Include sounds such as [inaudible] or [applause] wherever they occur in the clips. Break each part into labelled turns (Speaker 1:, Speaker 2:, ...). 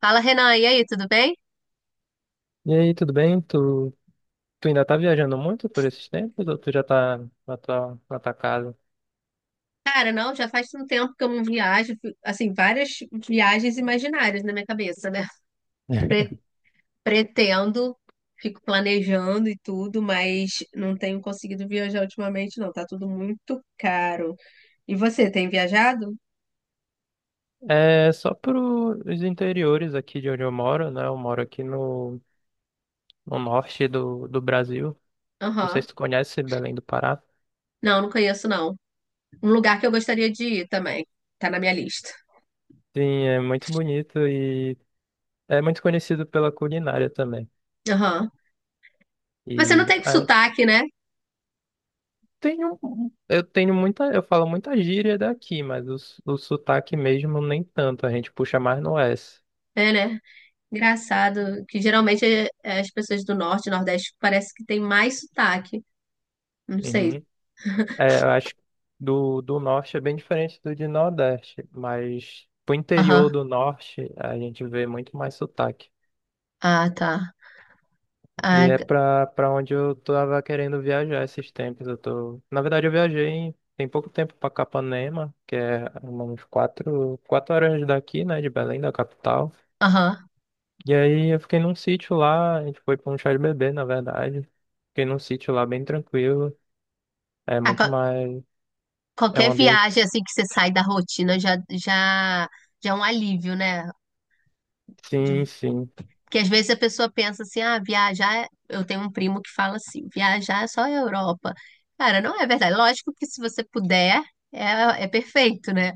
Speaker 1: Fala, Renan, e aí, tudo bem?
Speaker 2: E aí, tudo bem? Tu ainda tá viajando muito por esses tempos ou tu já tá na tua casa?
Speaker 1: Cara, não, já faz um tempo que eu não viajo, assim, várias viagens imaginárias na minha cabeça, né? Pre-
Speaker 2: [laughs]
Speaker 1: pretendo, fico planejando e tudo, mas não tenho conseguido viajar ultimamente, não, tá tudo muito caro. E você, tem viajado?
Speaker 2: É só pros interiores aqui de onde eu moro, né? Eu moro aqui no norte do Brasil. Não sei se
Speaker 1: Aham.
Speaker 2: tu conhece Belém do Pará.
Speaker 1: Não, não conheço, não. Um lugar que eu gostaria de ir também, tá na minha lista.
Speaker 2: Sim, é muito bonito e é muito conhecido pela culinária também.
Speaker 1: Aham. Você não
Speaker 2: E
Speaker 1: tem
Speaker 2: ah,
Speaker 1: sotaque, né?
Speaker 2: tenho, eu falo muita gíria daqui, mas o sotaque mesmo nem tanto, a gente puxa mais no S.
Speaker 1: É, né? Engraçado, que geralmente é as pessoas do norte nordeste parece que tem mais sotaque. Não sei.
Speaker 2: É, eu acho que do norte é bem diferente do de nordeste, mas pro interior
Speaker 1: Aham.
Speaker 2: do norte a gente vê muito mais sotaque.
Speaker 1: Ah, tá.
Speaker 2: E
Speaker 1: Ah,
Speaker 2: é
Speaker 1: g-
Speaker 2: pra onde eu tava querendo viajar esses tempos. Na verdade, eu viajei tem pouco tempo pra Capanema, que é umas quatro horas daqui, né, de Belém, da capital.
Speaker 1: Aham.
Speaker 2: E aí eu fiquei num sítio lá, a gente foi pra um chá de bebê, na verdade. Fiquei num sítio lá bem tranquilo, é
Speaker 1: Ah,
Speaker 2: muito mais. É um
Speaker 1: qualquer
Speaker 2: ambiente.
Speaker 1: viagem assim que você sai da rotina já é um alívio, né?
Speaker 2: Sim,
Speaker 1: De-
Speaker 2: sim.
Speaker 1: Porque às vezes a pessoa pensa assim, ah, viajar, eu tenho um primo que fala assim, viajar é só a Europa. Cara, não é verdade. Lógico que se você puder, é perfeito, né?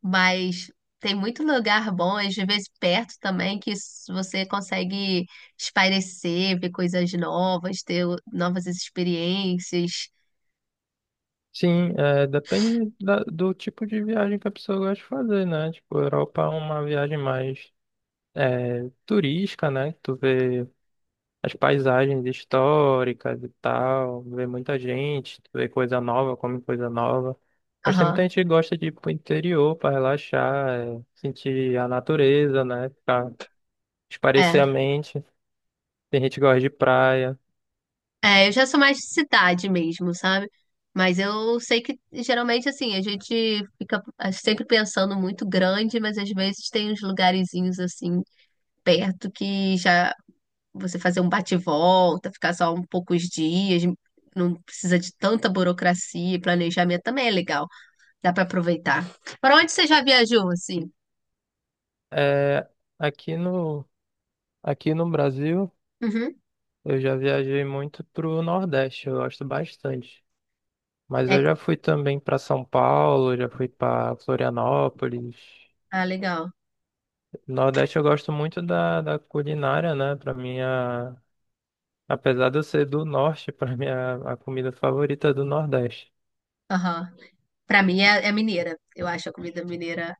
Speaker 1: Mas tem muito lugar bom, às vezes perto também, que você consegue espairecer, ver coisas novas, ter novas experiências.
Speaker 2: Sim, é, depende do tipo de viagem que a pessoa gosta de fazer, né? Tipo, a Europa é uma viagem mais turística, né? Tu vê as paisagens históricas e tal, vê muita gente, tu vê coisa nova, come coisa nova. Mas tem muita
Speaker 1: Aham,
Speaker 2: gente que gosta de ir pro interior para relaxar, sentir a natureza, né? Pra espairecer a
Speaker 1: é.
Speaker 2: mente. Tem gente que gosta de praia.
Speaker 1: É, eu já sou mais de cidade mesmo, sabe? Mas eu sei que geralmente assim, a gente fica sempre pensando muito grande, mas às vezes tem uns lugarzinhos assim perto que já você fazer um bate-volta, ficar só um poucos dias, não precisa de tanta burocracia e planejamento também é legal, dá pra aproveitar. Para onde você já viajou assim?
Speaker 2: É, aqui no, aqui no Brasil.
Speaker 1: Uhum.
Speaker 2: Eu já viajei muito pro Nordeste, eu gosto bastante. Mas eu
Speaker 1: É,
Speaker 2: já fui também para São Paulo, já fui para Florianópolis.
Speaker 1: ah, legal.
Speaker 2: Nordeste eu gosto muito da culinária, né? Para mim, apesar de eu ser do Norte, [laughs] para mim a comida favorita é do Nordeste,
Speaker 1: Aham. Pra mim é mineira. Eu acho a comida mineira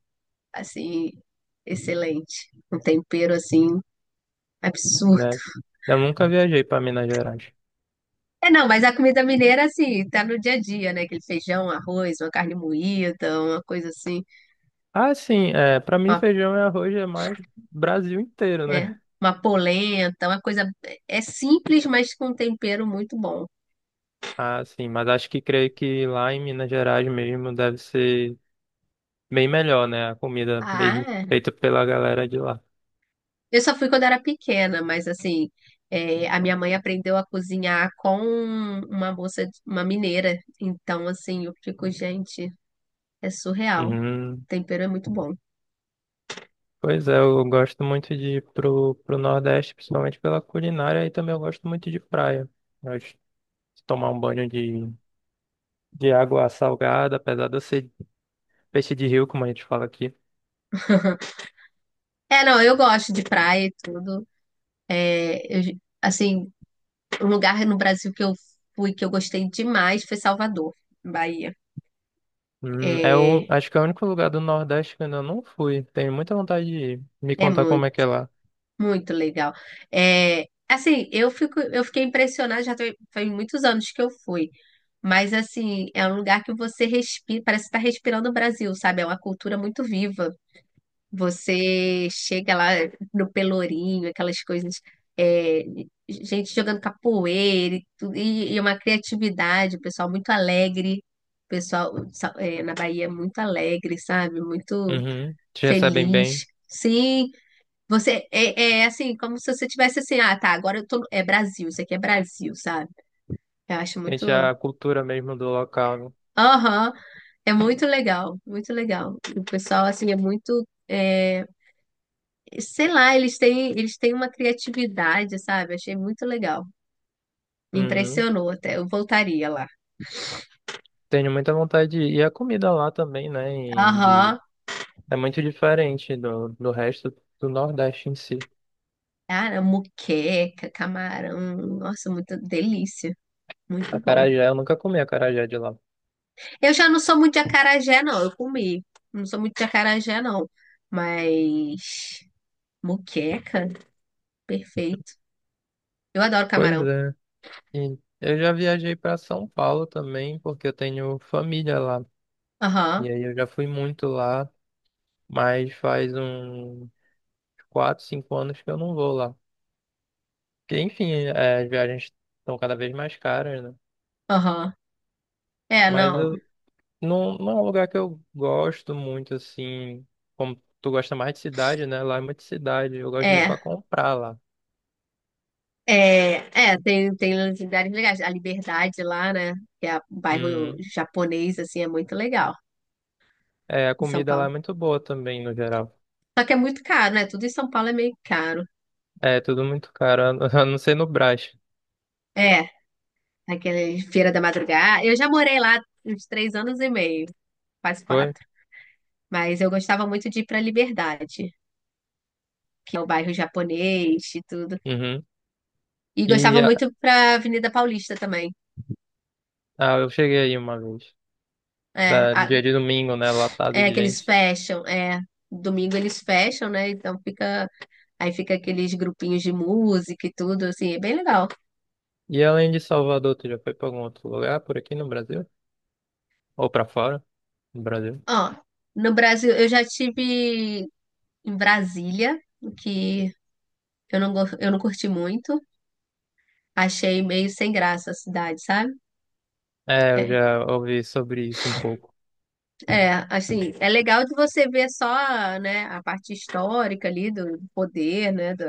Speaker 1: assim, excelente. Um tempero, assim, absurdo.
Speaker 2: né? Eu nunca viajei para Minas Gerais.
Speaker 1: É, não, mas a comida mineira, assim, tá no dia a dia, né? Aquele feijão, arroz, uma carne moída, uma coisa assim,
Speaker 2: Ah, sim, para mim
Speaker 1: uma,
Speaker 2: feijão e arroz é mais Brasil inteiro,
Speaker 1: é,
Speaker 2: né? [laughs]
Speaker 1: uma polenta, uma coisa. É simples, mas com um tempero muito bom.
Speaker 2: Ah, sim, mas acho que creio que lá em Minas Gerais mesmo deve ser bem melhor, né? A comida
Speaker 1: Ah,
Speaker 2: mesmo
Speaker 1: é.
Speaker 2: feita pela galera de lá.
Speaker 1: Eu só fui quando era pequena, mas assim, é, a minha mãe aprendeu a cozinhar com uma moça, uma mineira. Então, assim, eu fico, gente, é surreal. O
Speaker 2: Uhum.
Speaker 1: tempero é muito bom.
Speaker 2: Pois é, eu gosto muito de ir pro Nordeste, principalmente pela culinária, e também eu gosto muito de praia. Eu gosto de tomar um banho de água salgada, apesar de eu ser peixe de rio, como a gente fala aqui.
Speaker 1: [laughs] É, não, eu gosto de praia e tudo. É, assim, o lugar no Brasil que eu fui, que eu gostei demais, foi Salvador, Bahia.
Speaker 2: Hum, é o,
Speaker 1: É,
Speaker 2: acho que é o único lugar do Nordeste que eu ainda não fui. Tenho muita vontade de ir. Me
Speaker 1: é
Speaker 2: contar como
Speaker 1: muito,
Speaker 2: é que é lá.
Speaker 1: muito legal. É, assim, eu fiquei impressionada, foi muitos anos que eu fui. Mas, assim, é um lugar que você respira, parece estar respirando o Brasil, sabe? É uma cultura muito viva. Você chega lá no Pelourinho, aquelas coisas, é, gente jogando capoeira e tudo, e uma criatividade, o pessoal muito alegre, o pessoal na Bahia muito alegre, sabe? Muito
Speaker 2: Uhum. Te recebem bem.
Speaker 1: feliz. Sim, você é assim, como se você tivesse assim, ah, tá, agora eu tô, é Brasil, isso aqui é Brasil, sabe? Eu acho muito,
Speaker 2: Sente a cultura mesmo do local, né?
Speaker 1: aham, é muito legal, muito legal. O pessoal assim é muito. Sei lá, eles têm uma criatividade, sabe? Achei muito legal. Me
Speaker 2: Uhum.
Speaker 1: impressionou até. Eu voltaria lá.
Speaker 2: Tenho muita vontade de ir. E a comida lá também, né?
Speaker 1: Aham.
Speaker 2: É muito diferente do resto do Nordeste em si.
Speaker 1: Cara, moqueca, camarão. Nossa, muita delícia. Muito bom.
Speaker 2: Acarajé, eu nunca comi acarajé de lá.
Speaker 1: Eu já não sou muito de acarajé, não. Eu comi. Não sou muito de acarajé, não. Mas. Moqueca, perfeito. Eu adoro
Speaker 2: Pois
Speaker 1: camarão.
Speaker 2: é. E eu já viajei para São Paulo também, porque eu tenho família lá.
Speaker 1: Aham,
Speaker 2: E aí eu já fui muito lá, mas faz uns 4, 5 anos que eu não vou lá. Porque, enfim, as viagens estão cada vez mais caras, né?
Speaker 1: aham. É,
Speaker 2: Mas
Speaker 1: não.
Speaker 2: eu, Não, não é um lugar que eu gosto muito, assim. Como tu gosta mais de cidade, né? Lá é muito cidade. Eu gosto de ir
Speaker 1: É.
Speaker 2: pra comprar lá.
Speaker 1: É, é, tem lugares legais. A Liberdade lá, né? Que é o bairro
Speaker 2: Uhum.
Speaker 1: japonês, assim, é muito legal
Speaker 2: É, a
Speaker 1: em São
Speaker 2: comida lá é
Speaker 1: Paulo.
Speaker 2: muito boa também, no geral.
Speaker 1: Só que é muito caro, né? Tudo em São Paulo é meio caro.
Speaker 2: É, tudo muito caro, a não [laughs] a não ser no Brás.
Speaker 1: É, aquele Feira da Madrugada. Eu já morei lá uns 3 anos e meio, quase
Speaker 2: Foi?
Speaker 1: quatro. Mas eu gostava muito de ir pra Liberdade, que é o bairro japonês e tudo.
Speaker 2: Uhum.
Speaker 1: E
Speaker 2: E
Speaker 1: gostava muito
Speaker 2: a-
Speaker 1: pra Avenida Paulista também.
Speaker 2: eu cheguei aí uma vez.
Speaker 1: É,
Speaker 2: No dia de domingo, né? Lotado
Speaker 1: é
Speaker 2: de
Speaker 1: aqueles
Speaker 2: gente.
Speaker 1: fecham, é. Domingo eles fecham, né? Então fica Aí fica aqueles grupinhos de música e tudo, assim, é bem legal.
Speaker 2: E além de Salvador, tu já foi pra algum outro lugar por aqui no Brasil? Ou pra fora, no Brasil?
Speaker 1: Ó, no Brasil, eu já tive em Brasília, o que eu não curti muito. Achei meio sem graça a cidade, sabe?
Speaker 2: É, eu
Speaker 1: É,
Speaker 2: já ouvi sobre isso um pouco.
Speaker 1: é, assim, é legal de você ver só, né, a parte histórica ali do poder, né, do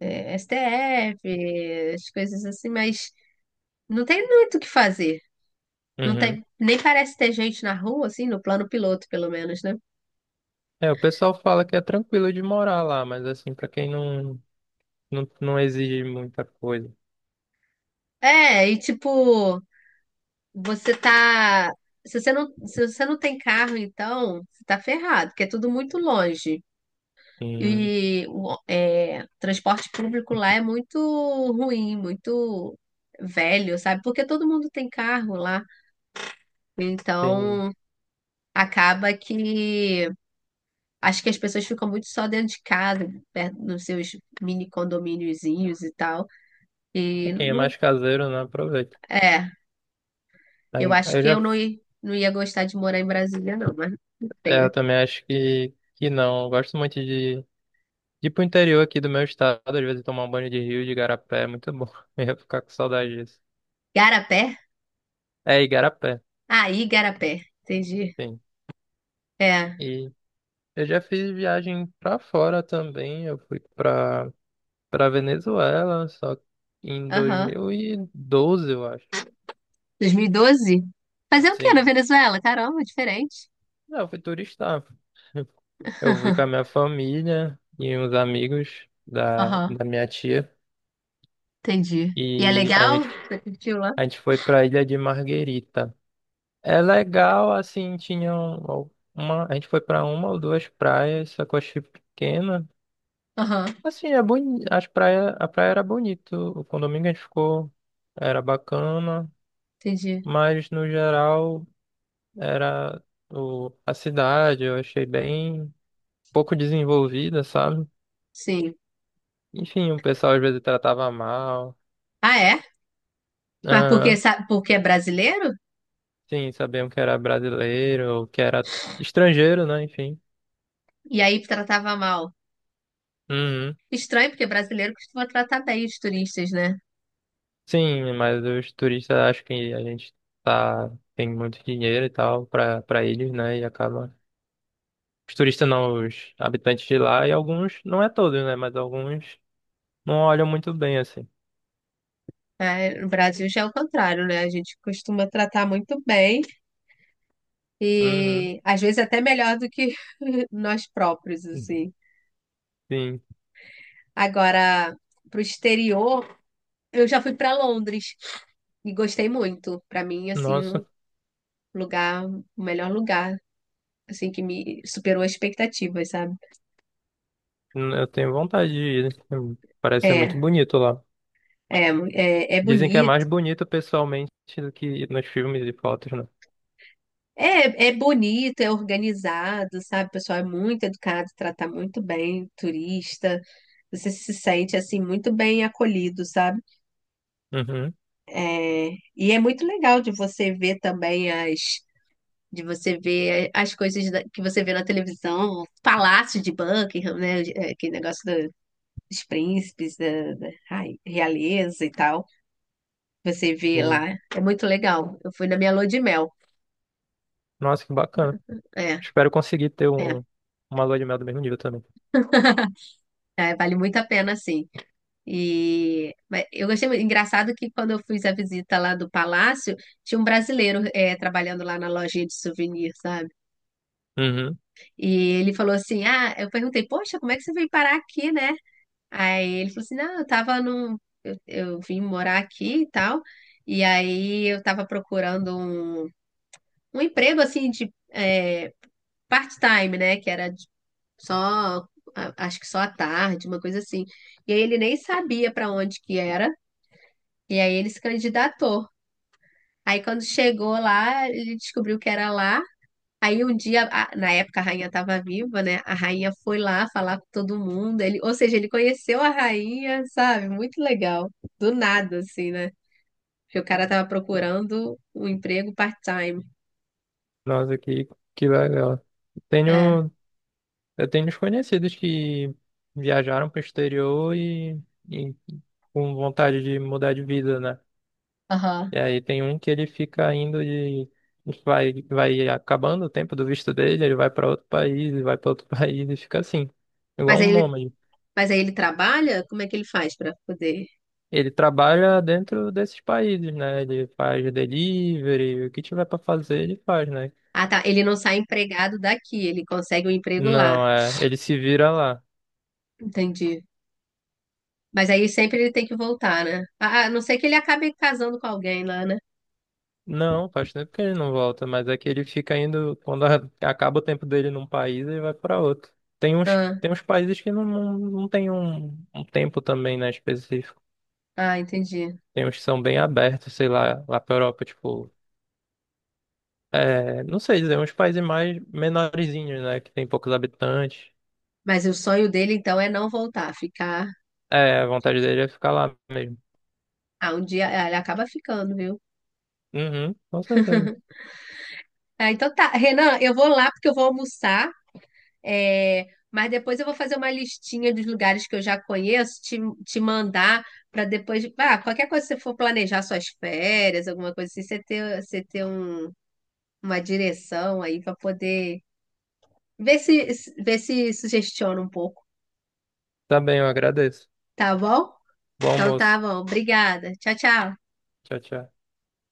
Speaker 1: STF, as coisas assim, mas não tem muito o que fazer. Não
Speaker 2: Uhum.
Speaker 1: tem, nem parece ter gente na rua, assim, no plano piloto, pelo menos, né?
Speaker 2: É, o pessoal fala que é tranquilo de morar lá, mas assim, pra quem não exige muita coisa,
Speaker 1: É, e tipo, Você tá. Se você não tem carro, então, você tá ferrado, porque é tudo muito longe.
Speaker 2: quem,
Speaker 1: E o transporte público lá é muito ruim, muito velho, sabe? Porque todo mundo tem carro lá.
Speaker 2: tem-
Speaker 1: Então, acaba que. Acho que as pessoas ficam muito só dentro de casa, perto nos seus mini condomíniozinhos e tal.
Speaker 2: é
Speaker 1: E
Speaker 2: quem é
Speaker 1: não.
Speaker 2: mais caseiro, né, aproveita.
Speaker 1: É, eu
Speaker 2: Aí,
Speaker 1: acho que eu não ia gostar de morar em Brasília, não, mas não sei,
Speaker 2: Eu
Speaker 1: né?
Speaker 2: também acho que não. Eu gosto muito de ir pro interior aqui do meu estado, às vezes tomar um banho de rio, de igarapé, é muito bom. [laughs] Eu ia ficar com saudade disso.
Speaker 1: Garapé?
Speaker 2: É, igarapé,
Speaker 1: Ah, Igarapé. Entendi.
Speaker 2: sim.
Speaker 1: É.
Speaker 2: E eu já fiz viagem pra fora também, eu fui pra Venezuela, só em dois
Speaker 1: Aham.
Speaker 2: mil e doze, eu acho.
Speaker 1: 2012? Fazer o quê na
Speaker 2: Sim.
Speaker 1: Venezuela? Caramba, diferente.
Speaker 2: Não, eu fui turistar. Eu fui com a minha
Speaker 1: [laughs]
Speaker 2: família e uns amigos da,
Speaker 1: Aham.
Speaker 2: da minha tia.
Speaker 1: Entendi. E é
Speaker 2: E a
Speaker 1: legal?
Speaker 2: gente,
Speaker 1: Você curtiu lá?
Speaker 2: a gente foi pra Ilha de Marguerita. É legal, assim, tinha uma. A gente foi pra uma ou duas praias, só que eu achei pequena.
Speaker 1: Aham.
Speaker 2: Assim, a praia era bonito. O condomínio que a gente ficou era bacana,
Speaker 1: Entendi.
Speaker 2: mas no geral era a cidade, eu achei bem pouco desenvolvida, sabe?
Speaker 1: Sim.
Speaker 2: Enfim, o pessoal às vezes tratava mal.
Speaker 1: Ah, é? Mas porque,
Speaker 2: Aham.
Speaker 1: sabe, porque é brasileiro?
Speaker 2: Sim, sabiam que era brasileiro, ou que era estrangeiro, né? Enfim.
Speaker 1: E aí tratava mal.
Speaker 2: Uhum.
Speaker 1: Estranho, porque brasileiro costuma tratar bem os turistas, né?
Speaker 2: Sim, mas os turistas acham que a gente tá, tem muito dinheiro e tal pra eles, né? E acaba. Os turistas não, os habitantes de lá, e alguns, não é todos, né? Mas alguns não olham muito bem assim.
Speaker 1: É, no Brasil já é o contrário, né? A gente costuma tratar muito bem
Speaker 2: Uhum.
Speaker 1: e às vezes até melhor do que [laughs] nós próprios, assim.
Speaker 2: Sim.
Speaker 1: Agora, pro exterior, eu já fui para Londres e gostei muito. Para mim, assim,
Speaker 2: Nossa,
Speaker 1: o melhor lugar, assim, que me superou as expectativas, sabe?
Speaker 2: eu tenho vontade de ir, né. Parece ser muito
Speaker 1: É,
Speaker 2: bonito lá.
Speaker 1: é, é
Speaker 2: Dizem que é mais
Speaker 1: bonito.
Speaker 2: bonito pessoalmente do que nos filmes e fotos, né?
Speaker 1: É, é bonito, é organizado, sabe? O pessoal é muito educado, trata muito bem turista. Você se sente assim muito bem acolhido, sabe?
Speaker 2: Uhum.
Speaker 1: É, e é muito legal de você ver também as de você ver as coisas que você vê na televisão, o palácio de Buckingham, né? Aquele negócio dos príncipes, ai, realeza e tal. Você vê
Speaker 2: Uhum.
Speaker 1: lá, é muito legal. Eu fui na minha lua de mel.
Speaker 2: Nossa, que bacana.
Speaker 1: É,
Speaker 2: Espero conseguir ter
Speaker 1: é,
Speaker 2: uma lua de mel do mesmo nível também.
Speaker 1: [laughs] vale muito a pena, sim. Mas eu achei muito. Engraçado que quando eu fiz a visita lá do palácio, tinha um brasileiro trabalhando lá na lojinha de souvenir, sabe?
Speaker 2: Uhum.
Speaker 1: E ele falou assim: Ah, eu perguntei, poxa, como é que você veio parar aqui, né? Aí ele falou assim: não, eu tava num. Eu vim morar aqui e tal. E aí eu tava procurando um emprego assim de part-time, né? Que era só, acho que só à tarde, uma coisa assim. E aí ele nem sabia pra onde que era. E aí ele se candidatou. Aí quando chegou lá, ele descobriu que era lá. Aí um dia, na época a rainha estava viva, né? A rainha foi lá falar com todo mundo. Ele, ou seja, ele conheceu a rainha, sabe? Muito legal. Do nada, assim, né? Porque o cara tava procurando um emprego part-time.
Speaker 2: Nossa, que legal.
Speaker 1: É.
Speaker 2: Tenho, eu tenho uns conhecidos que viajaram para o exterior e com vontade de mudar de vida, né? E
Speaker 1: Aham.
Speaker 2: aí tem um que ele fica indo e vai acabando o tempo do visto dele, ele vai para outro país, e vai para outro [laughs] país e fica assim,
Speaker 1: Mas
Speaker 2: igual
Speaker 1: aí
Speaker 2: um
Speaker 1: ele,
Speaker 2: nômade.
Speaker 1: mas aí ele trabalha? Como é que ele faz para poder?
Speaker 2: Ele trabalha dentro desses países, né? Ele faz delivery, o que tiver pra fazer, ele faz, né?
Speaker 1: Ah, tá. Ele não sai empregado daqui, ele consegue um emprego lá.
Speaker 2: Não, ele se vira lá.
Speaker 1: Entendi. Mas aí sempre ele tem que voltar, né? Ah, a não ser que ele acabe casando com alguém lá, né?
Speaker 2: Não, faz tempo que ele não volta, mas é que ele fica indo, quando acaba o tempo dele num país, ele vai pra outro. Tem uns,
Speaker 1: Ah,
Speaker 2: tem uns países que não tem um tempo também, né, específico.
Speaker 1: ah, entendi.
Speaker 2: Tem uns que são bem abertos, sei lá, lá pra Europa, tipo, não sei dizer, uns países mais menorzinhos, né, que tem poucos habitantes.
Speaker 1: Mas o sonho dele, então, é não voltar, ficar.
Speaker 2: É, a vontade dele é ficar lá mesmo.
Speaker 1: Ah, um dia ele acaba ficando, viu?
Speaker 2: Uhum, com certeza.
Speaker 1: Ah, então tá. Renan, eu vou lá porque eu vou almoçar. Mas depois eu vou fazer uma listinha dos lugares que eu já conheço, te mandar para depois. Ah, qualquer coisa que você for planejar suas férias, alguma coisa assim, você ter uma direção aí para poder ver se sugestiona um pouco,
Speaker 2: Tá bem, eu agradeço.
Speaker 1: tá bom?
Speaker 2: Bom
Speaker 1: Então tá
Speaker 2: almoço.
Speaker 1: bom. Obrigada. Tchau, tchau.
Speaker 2: Tchau, tchau.